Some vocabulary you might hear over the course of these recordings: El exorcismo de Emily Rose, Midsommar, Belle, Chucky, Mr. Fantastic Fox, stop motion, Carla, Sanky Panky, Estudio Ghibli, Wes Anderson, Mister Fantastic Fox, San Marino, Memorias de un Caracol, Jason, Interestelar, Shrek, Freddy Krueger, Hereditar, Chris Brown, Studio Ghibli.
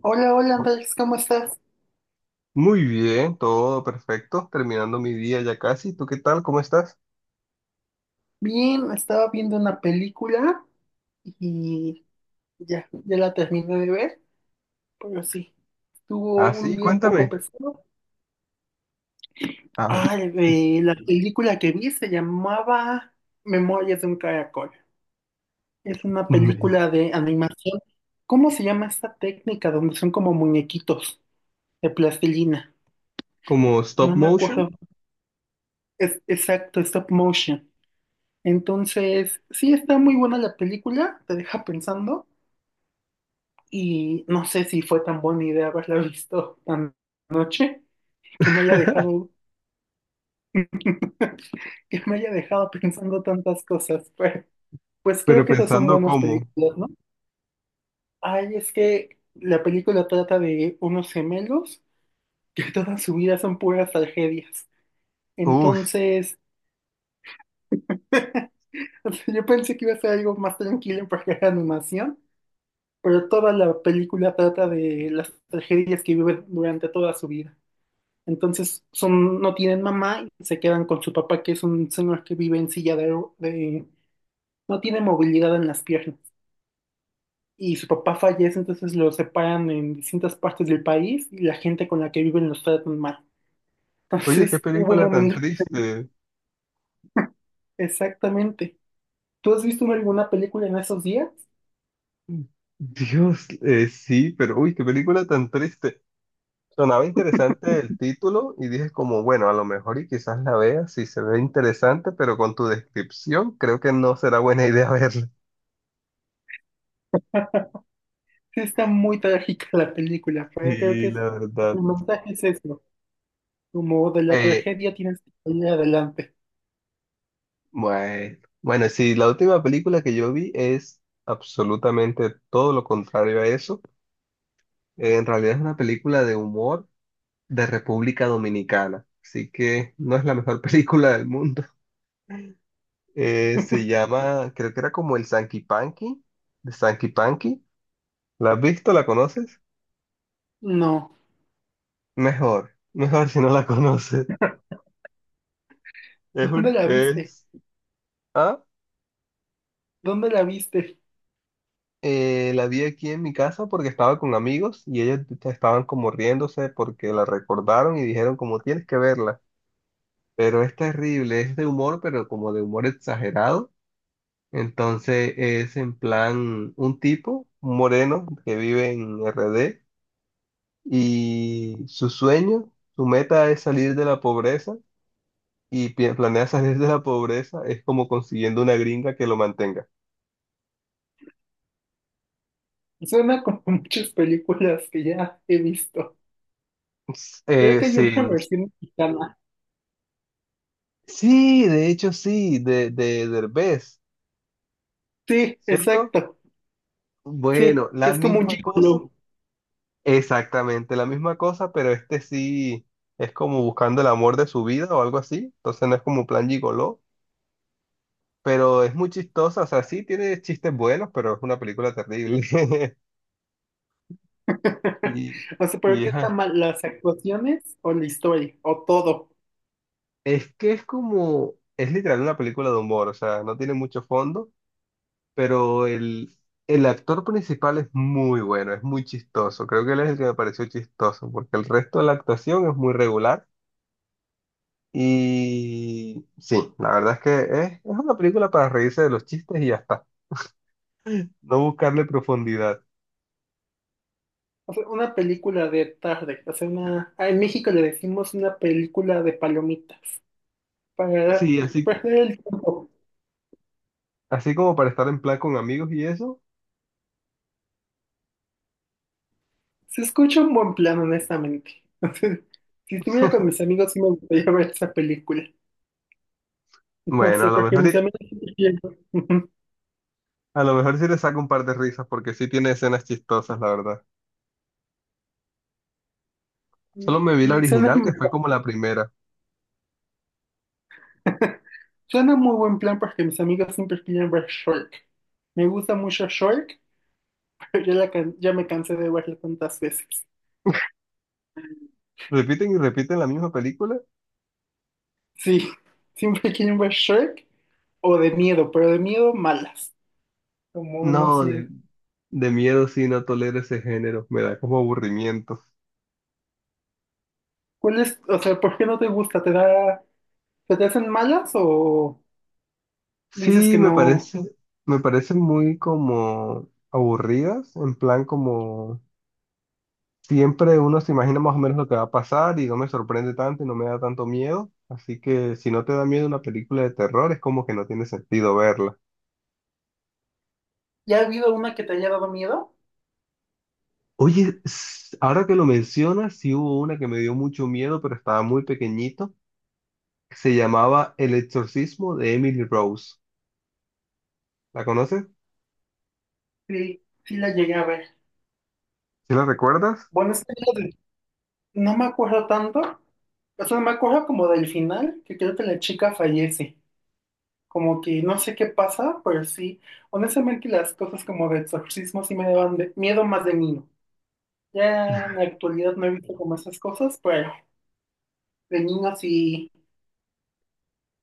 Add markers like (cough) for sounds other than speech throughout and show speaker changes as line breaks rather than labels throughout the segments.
Hola, hola Andrés, ¿cómo estás?
Muy bien, todo perfecto. Terminando mi día ya casi. ¿Tú qué tal? ¿Cómo estás?
Bien, estaba viendo una película y ya la terminé de ver, pero sí, tuvo
Ah,
un
sí,
día un poco
cuéntame.
pesado.
A ver.
La película que vi se llamaba Memorias de un Caracol. Es una película
(laughs)
de animación. ¿Cómo se llama esta técnica donde son como muñequitos de plastilina?
Como stop
No me
motion,
acuerdo. Es exacto, stop motion. Entonces, sí está muy buena la película, te deja pensando. Y no sé si fue tan buena idea haberla visto tan noche que me haya dejado, (laughs) que me haya dejado pensando tantas cosas. Pero, pues creo
pero
que esas son
pensando
buenas
cómo.
películas, ¿no? Ay, es que la película trata de unos gemelos que (laughs) toda su vida son puras tragedias.
Uf,
Entonces, (laughs) o sea, yo pensé que iba a ser algo más tranquilo porque era animación, pero toda la película trata de las tragedias que viven durante toda su vida. Entonces son, no tienen mamá y se quedan con su papá, que es un señor que vive en silla de, no tiene movilidad en las piernas. Y su papá fallece, entonces lo separan en distintas partes del país y la gente con la que viven los tratan mal. (laughs)
oye, qué
Entonces hubo un
película tan
momento.
triste.
Exactamente. ¿Tú has visto alguna película en esos días?
Dios, sí, pero uy, qué película tan triste. Sonaba interesante el título y dije como, bueno, a lo mejor y quizás la vea si se ve interesante, pero con tu descripción creo que no será buena (laughs) idea verla.
Sí, está muy trágica la película, pero creo
Sí,
que es,
la verdad.
el mensaje es eso. Como de la
Eh,
tragedia tienes que salir adelante.
Bueno, bueno, sí, la última película que yo vi es absolutamente todo lo contrario a eso. En realidad es una película de humor de República Dominicana, así que no es la mejor (laughs) película del mundo. Se llama, creo que era como el Sanky Panky, de Sanky Panky. ¿La has visto? ¿La conoces?
No.
Mejor si no la (laughs) conoces.
(laughs)
Es
¿Dónde
un,
la viste?
es, ¿ah?
¿Dónde la viste?
La vi aquí en mi casa porque estaba con amigos y ellos estaban como riéndose porque la recordaron y dijeron como tienes que verla. Pero es terrible, es de humor, pero como de humor exagerado. Entonces es en plan un tipo, un moreno que vive en R. D. y su sueño, su meta es salir de la pobreza y planea salir de la pobreza es como consiguiendo una gringa que lo mantenga.
Suena como (laughs) muchas películas que ya he visto.
(laughs)
Creo
Eh,
que hay una
sin...
versión mexicana.
Sí, de hecho sí, de Derbez.
Sí,
¿Cierto?
exacto. Sí,
Bueno,
que
la
es como un
misma cosa,
gigolo.
exactamente la misma cosa, pero este sí es como buscando el amor de su vida o algo así, entonces no es como plan gigoló, pero es muy chistosa, o sea, sí tiene chistes buenos, pero es una película terrible. (laughs)
(laughs)
Y,
O sea, pero
y
¿qué está
ajá,
mal? ¿Las actuaciones o la historia? ¿O todo?
es que es como, es literal una película de humor, o sea, no tiene mucho fondo, pero el actor principal es muy bueno, es muy chistoso, creo que él es el que me pareció chistoso, porque el resto de la actuación es muy regular. Y sí, la verdad es que es una película para reírse de los chistes y ya está. No buscarle profundidad.
O sea, una película de tarde. O sea, una ah, en México le decimos una película de palomitas. Para
Sí, así,
perder el tiempo.
así como para estar en plan con amigos y eso.
Se escucha un buen plan, honestamente. (laughs) O sea, si estuviera con mis amigos, sí me gustaría ver esa película. (laughs) No
Bueno, a
sé,
lo
porque
mejor, y-
mis amigos (laughs)
a lo mejor sí le saco un par de risas porque sí tiene escenas chistosas, la verdad. Solo me vi la
Sí, suena,
original, que fue como la primera.
(laughs) suena muy buen plan porque mis amigos siempre piden ver Shrek. Me gusta mucho Shrek, (laughs) pero ya, ya me cansé de verla tantas veces.
¿Repiten y repiten la misma película?
Sí, (laughs) siempre quieren ver Shrek o de miedo, pero de miedo malas. Como, no
No,
sé.
de miedo sí no tolero ese género. Me da como aburrimiento.
¿Cuál es, o sea, por qué no te gusta? ¿Te da, se te hacen malas o dices
Sí,
que
me
no?
parece, me parecen muy como aburridas, en plan como siempre uno se imagina más o menos lo que va a pasar y no me sorprende tanto y no me da tanto miedo. Así que si no te da miedo una película de terror, es como que no tiene sentido verla.
¿Ya ha habido una que te haya dado miedo?
Oye, ahora que lo mencionas, sí hubo una que me dio mucho miedo, pero estaba muy pequeñito. Se llamaba El exorcismo de Emily Rose. ¿La conoces?
Sí, sí la llegué a ver.
¿Sí la recuerdas?
Bueno, es que no me acuerdo tanto. O sea, me acuerdo como del final, que creo que la chica fallece. Como que no sé qué pasa, pero sí. Honestamente, las cosas como de exorcismo sí me daban miedo más de niño. Ya en la actualidad no he visto como esas cosas, pero de niño sí,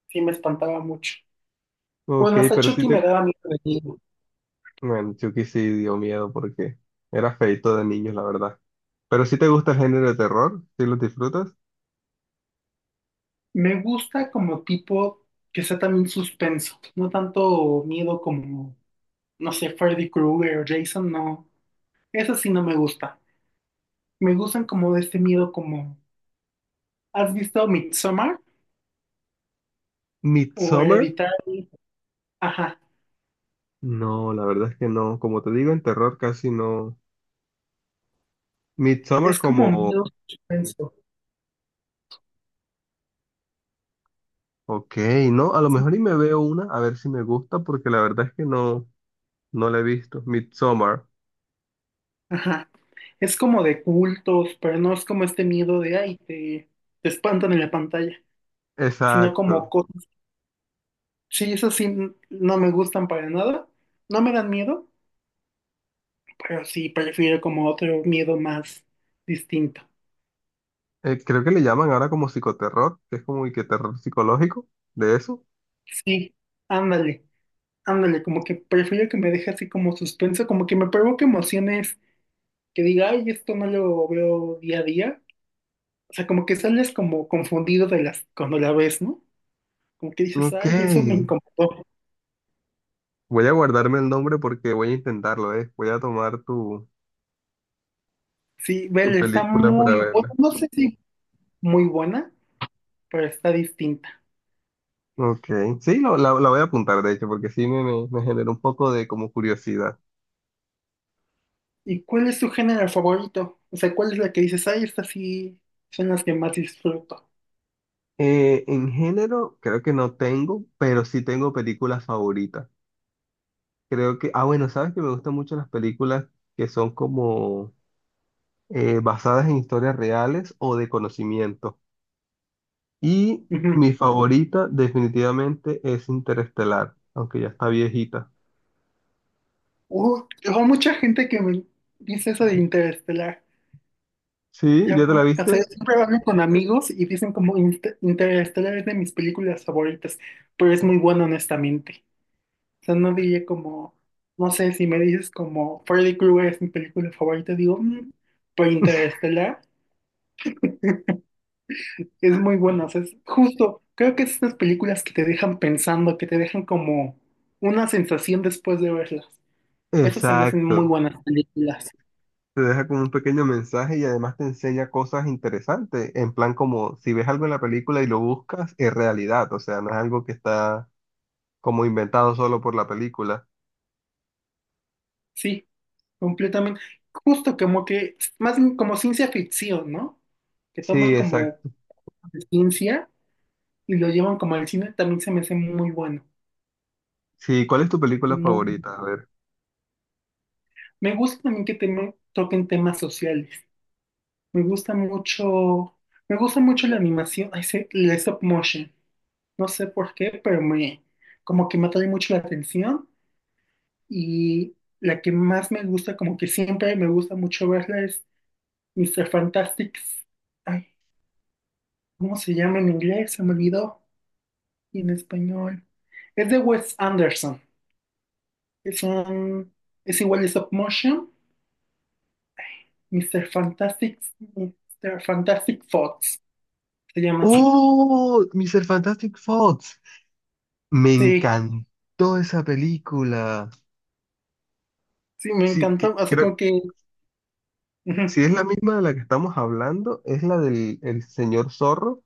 sí me espantaba mucho.
Ok,
Bueno, hasta
pero sí
Chucky
te...
me daba miedo de niño.
Bueno, Chucky sí dio miedo porque era feito de niños, la verdad. Pero sí te gusta el género de terror, sí lo disfrutas.
Me gusta como tipo que sea también suspenso. No tanto miedo como, no sé, Freddy Krueger o Jason, no. Eso sí no me gusta. Me gustan como de este miedo como, ¿has visto Midsommar o
Midsommar.
Hereditar? Ajá,
No, la verdad es que no. Como te digo, en terror casi no. Midsommar
es como
como,
miedo suspenso.
ok, no, a lo mejor y me veo una, a ver si me gusta, porque la verdad es que no, no la he visto. Midsommar,
Ajá, es como de cultos, pero no es como este miedo de, ay, te espantan en la pantalla, sino como
exacto.
cosas. Sí, eso sí, no me gustan para nada, no me dan miedo, pero sí prefiero como otro miedo más distinto.
Creo que le llaman ahora como psicoterror, que es como y que terror psicológico, de eso.
Sí, ándale, ándale, como que prefiero que me deje así como suspenso, como que me provoque emociones que diga, ay, esto no lo veo día a día. O sea, como que sales como confundido de las, cuando la ves, ¿no? Como que dices,
Ok,
ay, eso me incomodó.
voy a guardarme el nombre porque voy a intentarlo, eh. Voy a tomar tu,
Sí,
tu
Belle está
película para
muy buena,
verla.
no sé si muy buena, pero está distinta.
Ok, sí, lo- la voy a apuntar, de hecho, porque sí me, me me generó un poco de como curiosidad.
¿Y cuál es tu género favorito? O sea, ¿cuál es la que dices, ay, estas sí son las que más disfruto?
En género, creo que no tengo, pero sí tengo películas favoritas. Creo que, ah, bueno, sabes que me gustan mucho las películas que son como basadas en historias reales o de conocimiento. Y
Ujú.
mi favorita definitivamente es Interestelar, aunque ya está viejita.
Hay mucha gente que me dice eso de Interestelar.
Sí,
Ya
¿ya te la
va. O sea,
viste?
siempre hablo con amigos y dicen como: "Inter- Interestelar es de mis películas favoritas", pero es muy bueno honestamente. O sea, no diría como, no sé, si me dices como Freddy Krueger es mi película favorita, digo: "Mm", pero Interestelar es muy bueno. O sea, es justo, creo que es estas películas que te dejan pensando, que te dejan como una sensación después de verlas. Esas se me hacen muy
Exacto.
buenas películas.
Te deja como un pequeño mensaje y además te enseña cosas interesantes, en plan como si ves algo en la película y lo buscas, es realidad, o sea, no es algo que está como inventado solo por la película.
Sí, completamente. Justo como que, más bien como ciencia ficción, ¿no? Que
Sí,
toman como
exacto.
de ciencia y lo llevan como al cine, también se me hace muy bueno.
Sí, ¿cuál es tu película
Muy-
favorita? A ver.
Me gusta también que toquen temas sociales. Me gusta mucho, me gusta mucho la animación, ay, sí, la stop motion. No sé por qué, pero me, como que me atrae mucho la atención y la que más me gusta, como que siempre me gusta mucho verla es Mister Fantastic. ¿Cómo se llama en inglés? Se me olvidó. Y en español. Es de Wes Anderson. Es un. Es igual de stop motion. Mister Fantastic. Mister Fantastic Fox. Se llama así.
¡Oh! Mr. Fantastic Fox. Me
Sí,
encantó esa película.
sí, me
Sí, que-
encantó. O sea,
creo,
como que ujú,
si es la misma de la que estamos hablando, es la del el señor zorro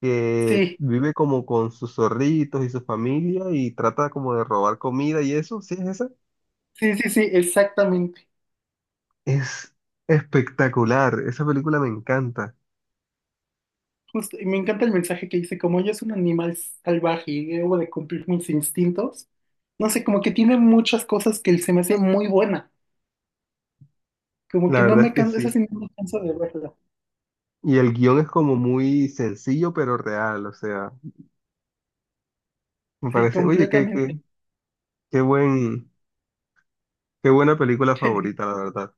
que
sí,
vive como con sus zorritos y su familia y trata como de robar comida y eso. ¿Sí es esa?
sí, exactamente.
Es espectacular. Esa película me encanta.
Justo. Y me encanta el mensaje que dice: como yo soy un animal salvaje y debo de cumplir mis instintos. No sé, como que tiene muchas cosas que se me hace muy buena. Como
La
que no
verdad es
me
que
canso. Esa
sí.
sí no me canso de verla.
Y el guión es como muy sencillo pero real, o sea, me
Sí,
parece, oye, qué,
completamente.
qué, qué buen, qué buena película favorita,
(laughs)
la verdad.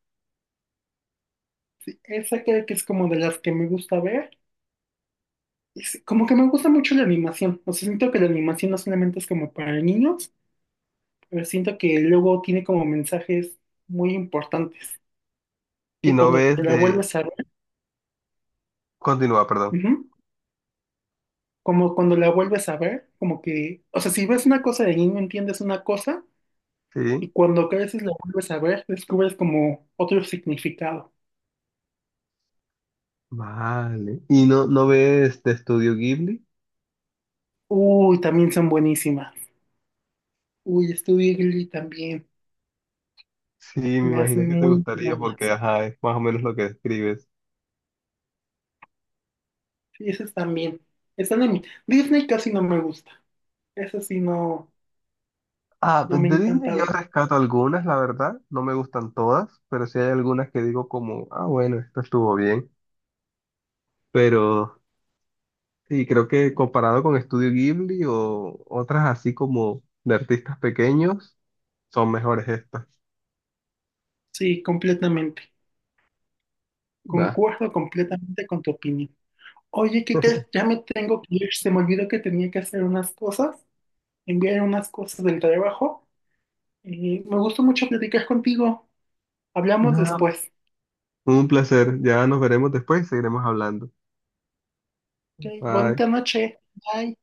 Esa creo que es como de las que me gusta ver. Como que me gusta mucho la animación. O sea, siento que la animación no solamente es como para niños, pero siento que luego tiene como mensajes muy importantes.
Y
Que
no
cuando
ves
la
de...
vuelves a ver,
Continúa, perdón.
ujú, como cuando la vuelves a ver, como que, o sea, si ves una cosa de niño entiendes una cosa y
Sí,
cuando creces la vuelves a ver, descubres como otro significado.
vale. ¿Y no, no ves de Estudio Ghibli?
Uy, también son buenísimas. Uy, Studio Ghibli también.
Sí, me
Se me hace
imagino que te
muy
gustaría
buena.
porque, ajá, es más o menos lo que describes.
Sí, esas también. Están en mi Disney casi no me gusta. Esa sí no,
Ah, de
no me
de Disney
encanta
yo
ver.
rescato algunas, la verdad, no me gustan todas, pero sí hay algunas que digo como, ah, bueno, esto estuvo bien. Pero sí, creo que comparado con Estudio Ghibli o otras así como de artistas pequeños, son mejores estas.
Sí, completamente.
Va.
Concuerdo completamente con tu opinión. Oye, ¿qué crees? Ya me tengo que ir. Se me olvidó que tenía que hacer unas cosas, enviar unas cosas del trabajo. Y me gustó mucho platicar contigo. Hablamos
No.
después.
Un placer. Ya nos veremos después y seguiremos hablando.
Ok,
Bye.
bonita noche. Bye.